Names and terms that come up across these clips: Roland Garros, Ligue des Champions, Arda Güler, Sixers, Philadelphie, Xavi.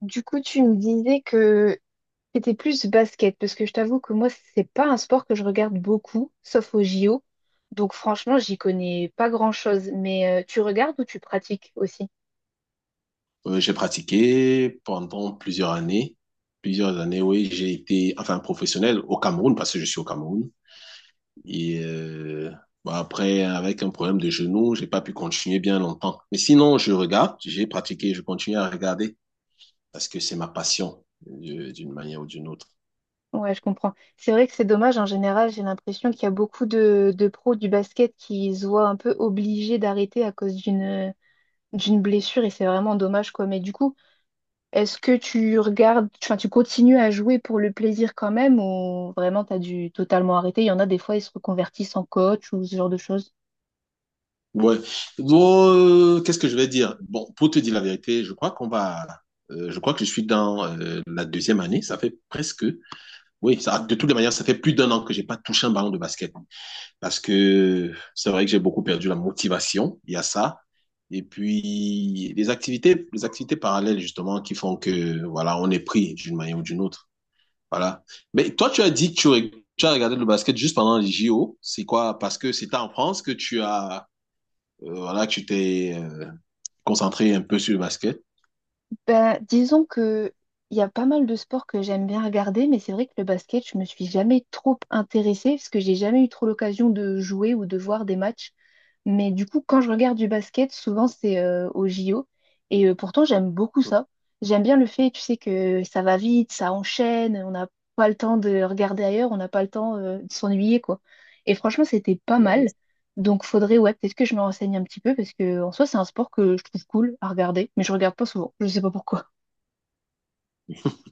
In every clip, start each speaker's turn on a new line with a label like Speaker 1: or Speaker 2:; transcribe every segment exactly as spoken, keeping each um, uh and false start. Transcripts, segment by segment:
Speaker 1: Du coup, tu me disais que c'était plus basket, parce que je t'avoue que moi, c'est pas un sport que je regarde beaucoup, sauf au J O. Donc franchement, j'y connais pas grand-chose. Mais euh, tu regardes ou tu pratiques aussi?
Speaker 2: Euh, j'ai pratiqué pendant plusieurs années. Plusieurs années, oui, j'ai été enfin professionnel au Cameroun parce que je suis au Cameroun. Et euh, bah, Après, avec un problème de genou, j'ai pas pu continuer bien longtemps. Mais sinon, je regarde, j'ai pratiqué, je continue à regarder parce que c'est ma passion euh, d'une manière ou d'une autre.
Speaker 1: Ouais, je comprends. C'est vrai que c'est dommage, en général, j'ai l'impression qu'il y a beaucoup de, de pros du basket qui se voient un peu obligés d'arrêter à cause d'une d'une blessure, et c'est vraiment dommage, quoi. Mais du coup, est-ce que tu regardes, enfin, tu continues à jouer pour le plaisir quand même ou vraiment tu as dû totalement arrêter? Il y en a des fois, ils se reconvertissent en coach ou ce genre de choses.
Speaker 2: Ouais. Oh, euh, Qu'est-ce que je vais dire? Bon, pour te dire la vérité, je crois qu'on va. Euh, je crois que je suis dans euh, la deuxième année. Ça fait presque. Oui, ça, de toutes les manières, ça fait plus d'un an que j'ai pas touché un ballon de basket. Parce que c'est vrai que j'ai beaucoup perdu la motivation. Il y a ça. Et puis, les activités, les activités parallèles, justement, qui font que, voilà, on est pris d'une manière ou d'une autre. Voilà. Mais toi, tu as dit que tu, reg- tu as regardé le basket juste pendant les J O. C'est quoi? Parce que c'était en France que tu as euh, voilà, tu t'es euh, concentré un peu sur le basket.
Speaker 1: Ben, disons que il y a pas mal de sports que j'aime bien regarder, mais c'est vrai que le basket, je me suis jamais trop intéressée parce que j'ai jamais eu trop l'occasion de jouer ou de voir des matchs. Mais du coup, quand je regarde du basket, souvent c'est euh, au J O. Et euh, pourtant, j'aime beaucoup ça. J'aime bien le fait, tu sais, que ça va vite, ça enchaîne, on n'a pas le temps de regarder ailleurs, on n'a pas le temps euh, de s'ennuyer, quoi. Et franchement, c'était pas
Speaker 2: Ouais,
Speaker 1: mal. Donc faudrait, ouais, peut-être que je me renseigne un petit peu parce que en soi, c'est un sport que je trouve cool à regarder, mais je regarde pas souvent. Je sais pas pourquoi.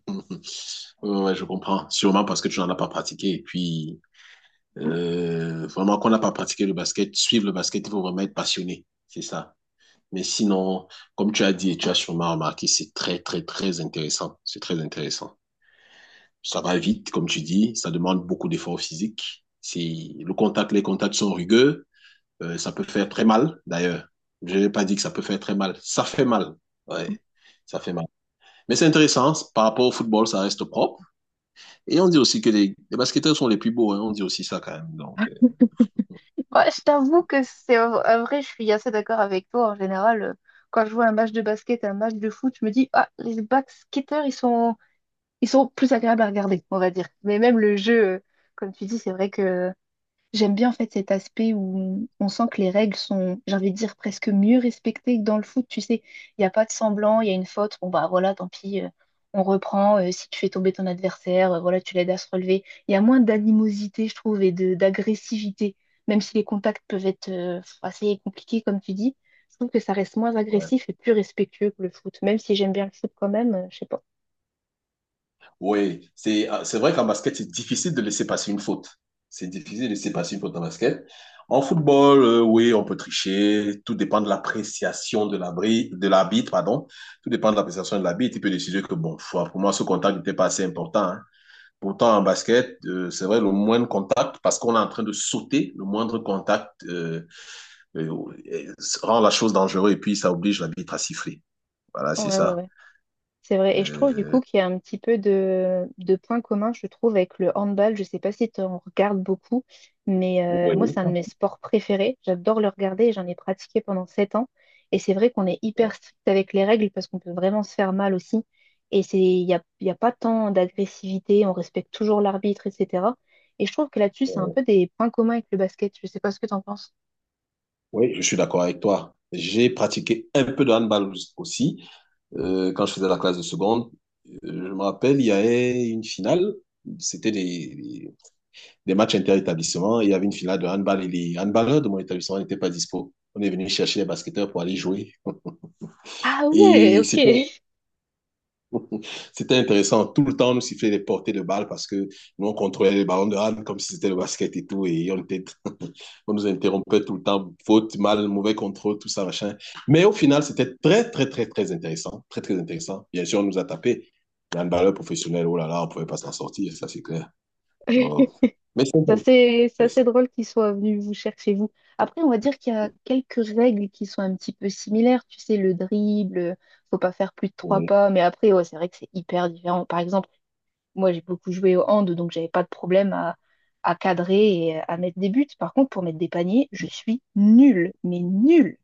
Speaker 2: ouais, ouais, je comprends. Sûrement parce que tu n'en as pas pratiqué. Et puis, euh, vraiment, qu'on n'a pas pratiqué le basket, suivre le basket, il faut vraiment être passionné. C'est ça. Mais sinon, comme tu as dit et tu as sûrement remarqué, c'est très, très, très intéressant. C'est très intéressant. Ça va vite, comme tu dis. Ça demande beaucoup d'efforts physiques. Si le contact, les contacts sont rugueux, euh, ça peut faire très mal, d'ailleurs. Je n'ai pas dit que ça peut faire très mal. Ça fait mal. Ouais, ça fait mal. Mais c'est intéressant. Par rapport au football, ça reste propre. Et on dit aussi que les, les basketteurs sont les plus beaux, hein. On dit aussi ça quand même. Donc, euh,
Speaker 1: Ouais, je t'avoue que c'est en en vrai, je suis assez d'accord avec toi. En général, euh, quand je vois un match de basket, un match de foot, je me dis, ah, les basketteurs, ils sont, ils sont plus agréables à regarder, on va dire. Mais même le jeu, euh, comme tu dis, c'est vrai que j'aime bien en fait cet aspect où on sent que les règles sont, j'ai envie de dire, presque mieux respectées que dans le foot. Tu sais, il n'y a pas de semblant, il y a une faute, bon bah voilà, tant pis, euh, on reprend. Euh, si tu fais tomber ton adversaire, euh, voilà, tu l'aides à se relever. Il y a moins d'animosité, je trouve, et de d'agressivité, même si les contacts peuvent être euh, assez compliqués, comme tu dis. Je trouve que ça reste moins
Speaker 2: ouais.
Speaker 1: agressif et plus respectueux que le foot, même si j'aime bien le foot quand même, euh, je sais pas.
Speaker 2: Oui, c'est ah, c'est vrai qu'en basket, c'est difficile de laisser passer une faute. C'est difficile de laisser passer une faute en basket. En football, euh, oui, on peut tricher. Tout dépend de l'appréciation de l'abri, de l'arbitre, pardon. Tout dépend de l'appréciation de l'arbitre. Il peut décider que, bon, foi, pour moi, ce contact n'était pas assez important, hein. Pourtant, en basket, euh, c'est vrai, le moindre contact, parce qu'on est en train de sauter, le moindre contact euh, euh, euh, rend la chose dangereuse et puis ça oblige l'arbitre à siffler. Voilà, c'est
Speaker 1: Ouais, ouais,
Speaker 2: ça.
Speaker 1: ouais. C'est vrai. Et je trouve du
Speaker 2: Euh,
Speaker 1: coup qu'il y a un petit peu de, de points communs, je trouve, avec le handball. Je sais pas si tu en regardes beaucoup, mais euh, moi,
Speaker 2: oui.
Speaker 1: c'est un de mes sports préférés. J'adore le regarder et j'en ai pratiqué pendant sept ans. Et c'est vrai qu'on est hyper strict avec les règles parce qu'on peut vraiment se faire mal aussi. Et c'est, il n'y a, il y a pas tant d'agressivité, on respecte toujours l'arbitre, et cetera. Et je trouve que là-dessus, c'est un peu des points communs avec le basket. Je sais pas ce que tu en penses.
Speaker 2: Oui, je suis d'accord avec toi. J'ai pratiqué un peu de handball aussi euh, quand je faisais la classe de seconde. Euh, Je me rappelle, il y avait une finale. C'était des, des- des matchs inter-établissement. Il y avait une finale de handball et les handballeurs de mon établissement n'étaient pas dispo. On est venu chercher les basketteurs pour aller jouer.
Speaker 1: Ah ouais,
Speaker 2: Et
Speaker 1: ok.
Speaker 2: c'était C'était intéressant. Tout le temps, on nous sifflait les portées de balles parce que nous, on contrôlait les ballons de hand comme si c'était le basket et tout. Et on, était... on nous interrompait tout le temps. Faute, mal, mauvais contrôle, tout ça, machin. Mais au final, c'était très, très, très, très intéressant. Très, très intéressant. Bien sûr, on nous a tapé. Un balleur professionnel, oh là là, on ne pouvait pas s'en sortir, ça c'est clair. Donc... Mais c'est
Speaker 1: C'est assez, c'est assez
Speaker 2: intéressant.
Speaker 1: drôle qu'ils soient venus vous chercher vous. Après, on va dire qu'il y a quelques règles qui sont un petit peu similaires. Tu sais, le dribble, faut pas faire plus de trois pas. Mais après, ouais, c'est vrai que c'est hyper différent. Par exemple, moi, j'ai beaucoup joué au hand, donc j'avais pas de problème à, à cadrer et à mettre des buts. Par contre, pour mettre des paniers, je suis nulle, mais nulle.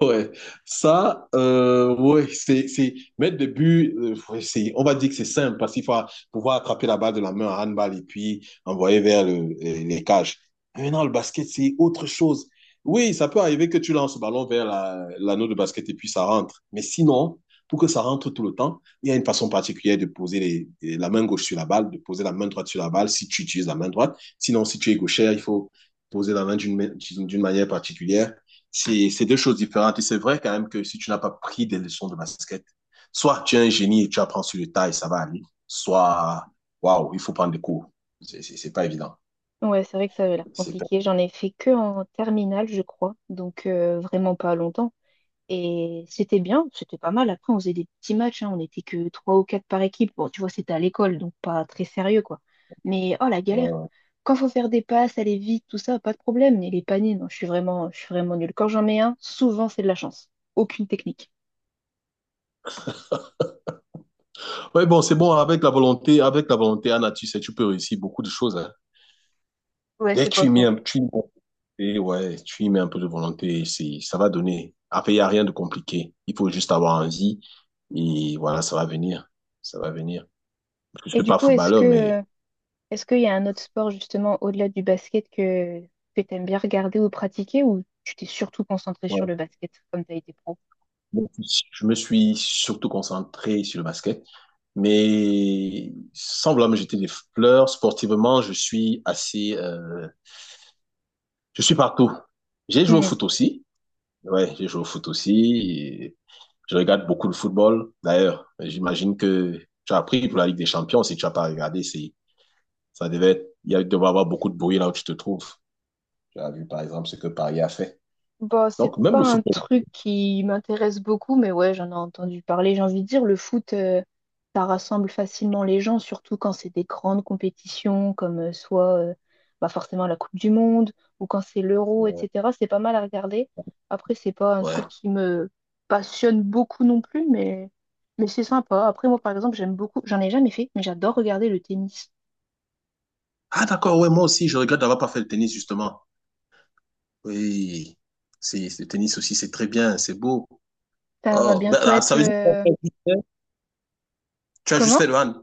Speaker 2: Ouais, ça, euh, ouais, c'est, c'est mettre des buts, euh, ouais, c'est, on va dire que c'est simple parce qu'il faut pouvoir attraper la balle de la main en handball et puis envoyer vers le- les cages. Mais non, le basket, c'est autre chose. Oui, ça peut arriver que tu lances le ballon vers la- l'anneau de basket et puis ça rentre. Mais sinon, pour que ça rentre tout le temps, il y a une façon particulière de poser les- la main gauche sur la balle, de poser la main droite sur la balle si tu utilises la main droite. Sinon, si tu es gaucher, il faut poser la main d'une ma- d'une manière particulière, c'est c'est deux choses différentes. Et c'est vrai quand même que si tu n'as pas pris des leçons de basket, soit tu es un génie et tu apprends sur le tas et ça va aller, soit, waouh, il faut prendre des cours. C'est c'est c'est pas évident.
Speaker 1: Ouais, c'est vrai que ça avait l'air
Speaker 2: C'est Pas...
Speaker 1: compliqué. J'en ai fait que en terminale, je crois. Donc, euh, vraiment pas longtemps. Et c'était bien, c'était pas mal. Après, on faisait des petits matchs, hein, on n'était que trois ou quatre par équipe. Bon, tu vois, c'était à l'école, donc pas très sérieux, quoi. Mais oh la galère. Quand faut faire des passes, aller vite, tout ça, pas de problème. Mais les paniers, non, je suis vraiment, je suis vraiment nulle. Quand j'en mets un, souvent c'est de la chance. Aucune technique.
Speaker 2: Ouais, bon, c'est bon. Avec la volonté, avec la volonté, Anna, tu sais, tu peux réussir beaucoup de choses. Hein.
Speaker 1: Ouais,
Speaker 2: Dès que
Speaker 1: c'est
Speaker 2: tu
Speaker 1: pas
Speaker 2: y mets
Speaker 1: faux.
Speaker 2: un, tu y... mets, et Ouais, tu y mets un peu de volonté, c'est ça va donner. Après, il n'y a rien de compliqué. Il faut juste avoir envie. Et voilà, ça va venir. Ça va venir. Je ne
Speaker 1: Et
Speaker 2: suis
Speaker 1: du
Speaker 2: pas
Speaker 1: coup, est-ce que
Speaker 2: footballeur, mais
Speaker 1: euh, est-ce qu'il y a un autre sport justement au-delà du basket que, que tu aimes bien regarder ou pratiquer ou tu t'es surtout concentré sur
Speaker 2: ouais.
Speaker 1: le basket comme tu as été pro?
Speaker 2: Bon, je me suis surtout concentré sur le basket, mais semblablement j'étais des fleurs. Sportivement, je suis assez, euh, je suis partout. J'ai joué au foot aussi. Ouais, j'ai joué au foot aussi. Et je regarde beaucoup le football. D'ailleurs, j'imagine que tu as appris pour la Ligue des Champions. Si tu n'as pas regardé, c'est, ça devait être, il y a- il devait y avoir beaucoup de bruit là où tu te trouves. Tu as vu, par exemple, ce que Paris a fait.
Speaker 1: Bah, c'est
Speaker 2: Donc, même
Speaker 1: pas
Speaker 2: le
Speaker 1: un
Speaker 2: football.
Speaker 1: truc qui m'intéresse beaucoup, mais ouais, j'en ai entendu parler. J'ai envie de dire, le foot, euh, ça rassemble facilement les gens, surtout quand c'est des grandes compétitions, comme euh, soit euh, bah, forcément la Coupe du Monde, ou quand c'est l'Euro, et cetera. C'est pas mal à regarder. Après, c'est pas un truc
Speaker 2: Ouais.
Speaker 1: qui me passionne beaucoup non plus, mais, mais c'est sympa. Après, moi, par exemple, j'aime beaucoup, j'en ai jamais fait, mais j'adore regarder le tennis.
Speaker 2: Ah, d'accord. Ouais, moi aussi, je regrette d'avoir pas fait le tennis, justement. Oui, c'est le tennis aussi, c'est très bien, c'est beau.
Speaker 1: Ça va
Speaker 2: Oh, ben,
Speaker 1: bientôt
Speaker 2: ah,
Speaker 1: être...
Speaker 2: ça veut dire que toi,
Speaker 1: euh,
Speaker 2: tu as juste fait tu as juste
Speaker 1: comment?
Speaker 2: fait le hand.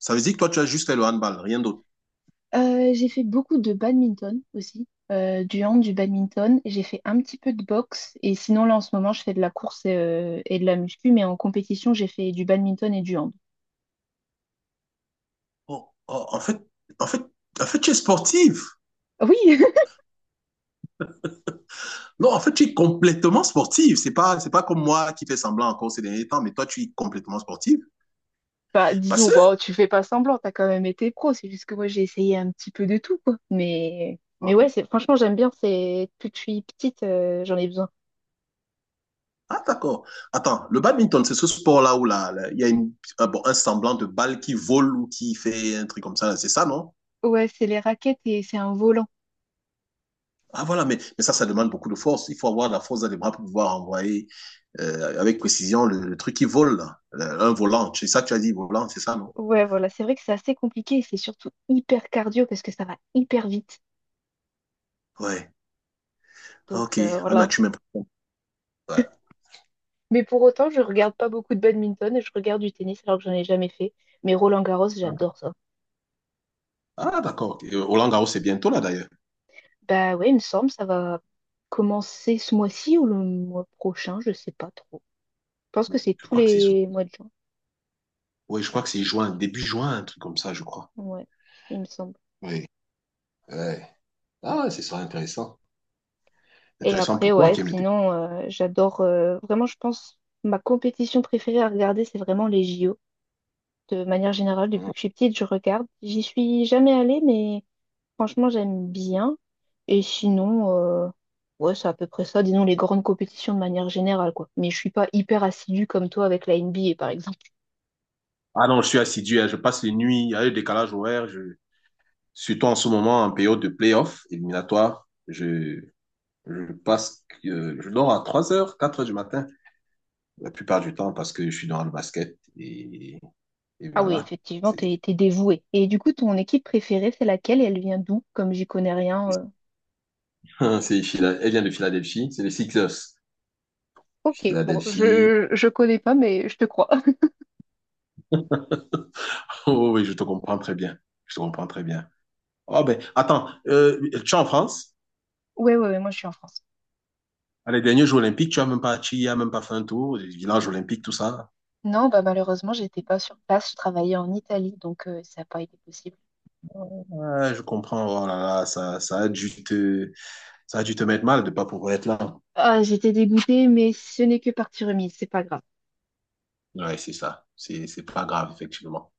Speaker 2: Ça veut dire que toi, tu as juste fait le handball, rien d'autre.
Speaker 1: Euh, j'ai fait beaucoup de badminton aussi, euh, du hand, du badminton. J'ai fait un petit peu de boxe et sinon là en ce moment je fais de la course euh, et de la muscu, mais en compétition j'ai fait du badminton et du hand.
Speaker 2: Oh, oh, en fait, en fait, en fait, tu es sportive.
Speaker 1: Ah oui,
Speaker 2: Non, en fait, tu es complètement sportive. C'est pas, c'est pas comme moi qui fais semblant encore ces derniers temps, mais toi, tu es complètement sportive.
Speaker 1: bah
Speaker 2: Parce
Speaker 1: disons, bon,
Speaker 2: que,
Speaker 1: tu fais pas semblant, t'as quand même été pro, c'est juste que moi j'ai essayé un petit peu de tout quoi. Mais, mais ouais, c'est franchement j'aime bien, c'est depuis que je suis petite, euh, j'en ai besoin.
Speaker 2: ah, d'accord. Attends, le badminton, c'est ce sport-là où là, là, il y a une, un, bon, un semblant de balle qui vole ou qui fait un truc comme ça, là. C'est ça, non?
Speaker 1: Ouais, c'est les raquettes et c'est un volant.
Speaker 2: Ah voilà, mais, mais ça, ça demande beaucoup de force. Il faut avoir de la force dans les bras pour pouvoir envoyer euh, avec précision le, le, truc qui vole, là. Le- un volant. C'est ça que tu as dit, volant, c'est ça, non?
Speaker 1: Ouais, voilà, c'est vrai que c'est assez compliqué et c'est surtout hyper cardio parce que ça va hyper vite.
Speaker 2: Ouais.
Speaker 1: Donc
Speaker 2: Ok.
Speaker 1: euh,
Speaker 2: Anna,
Speaker 1: voilà,
Speaker 2: tu m'impressionnes. Ouais.
Speaker 1: mais pour autant, je regarde pas beaucoup de badminton et je regarde du tennis alors que j'en ai jamais fait. Mais Roland-Garros, j'adore ça.
Speaker 2: Ah, d'accord. Et, euh, Roland Garros, c'est bientôt là, d'ailleurs.
Speaker 1: Bah ouais, il me semble, ça va commencer ce mois-ci ou le mois prochain, je sais pas trop. Je pense que c'est
Speaker 2: Je
Speaker 1: tous
Speaker 2: crois que c'est sous-
Speaker 1: les mois de juin.
Speaker 2: Oui, je crois que c'est juin, début juin, un truc comme ça, je crois.
Speaker 1: Ouais, il me semble.
Speaker 2: Oui. Ouais. Ah, ce sera intéressant.
Speaker 1: Et
Speaker 2: Intéressant
Speaker 1: après,
Speaker 2: pour toi
Speaker 1: ouais,
Speaker 2: qui aime le tennis.
Speaker 1: sinon, euh, j'adore euh, vraiment, je pense, ma compétition préférée à regarder, c'est vraiment les J O. De manière générale, depuis
Speaker 2: Mm.
Speaker 1: que je suis petite, je regarde. J'y suis jamais allée, mais franchement, j'aime bien. Et sinon, euh, ouais, c'est à peu près ça, disons les grandes compétitions de manière générale, quoi. Mais je suis pas hyper assidue comme toi avec la N B A, par exemple.
Speaker 2: Ah non, je suis assidu, hein. Je passe les nuits, il y a le décalage horaire. Je... Surtout en ce moment, en période de play-off éliminatoire, je... Je passe, euh, je dors à trois heures, quatre heures du matin, la plupart du temps, parce que je suis dans le basket. Et, et
Speaker 1: Ah oui,
Speaker 2: voilà.
Speaker 1: effectivement,
Speaker 2: C'est,
Speaker 1: t'es, t'es dévouée. Et du coup, ton équipe préférée, c'est laquelle et elle vient d'où? Comme j'y connais rien. euh.
Speaker 2: c'est Phila- elle vient de Philadelphie, c'est les Sixers.
Speaker 1: Ok, bon,
Speaker 2: Philadelphie.
Speaker 1: je, je connais pas, mais je te crois.
Speaker 2: Oh oui, je te comprends très bien. Je te comprends très bien. Oh ben, attends, euh, tu es en France?
Speaker 1: Ouais, ouais, ouais, moi je suis en France.
Speaker 2: À les derniers Jeux Olympiques, tu as même pas, tu y as même pas fait un tour, les villages olympiques, tout ça.
Speaker 1: Non, bah malheureusement, j'étais pas sur place, je travaillais en Italie, donc euh, ça n'a pas été possible.
Speaker 2: Ouais, je comprends. Oh là là, ça, ça a dû te, ça a dû te mettre mal de pas pouvoir être là.
Speaker 1: Ah, j'étais dégoûtée, mais ce n'est que partie remise, c'est pas grave.
Speaker 2: Ouais, c'est ça. C'est, c'est pas grave, effectivement.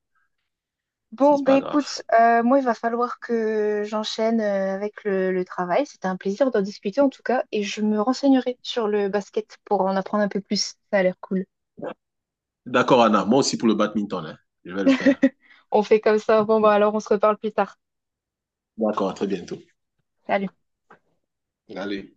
Speaker 1: Bon,
Speaker 2: C'est
Speaker 1: bah
Speaker 2: pas grave.
Speaker 1: écoute, euh, moi, il va falloir que j'enchaîne euh, avec le, le travail. C'était un plaisir d'en discuter en tout cas, et je me renseignerai sur le basket pour en apprendre un peu plus. Ça a l'air cool.
Speaker 2: D'accord, Anna. Moi aussi pour le badminton, hein. Je vais le faire.
Speaker 1: On fait comme ça. Bon, bah alors, on se reparle plus tard.
Speaker 2: D'accord, à très bientôt.
Speaker 1: Salut.
Speaker 2: Allez.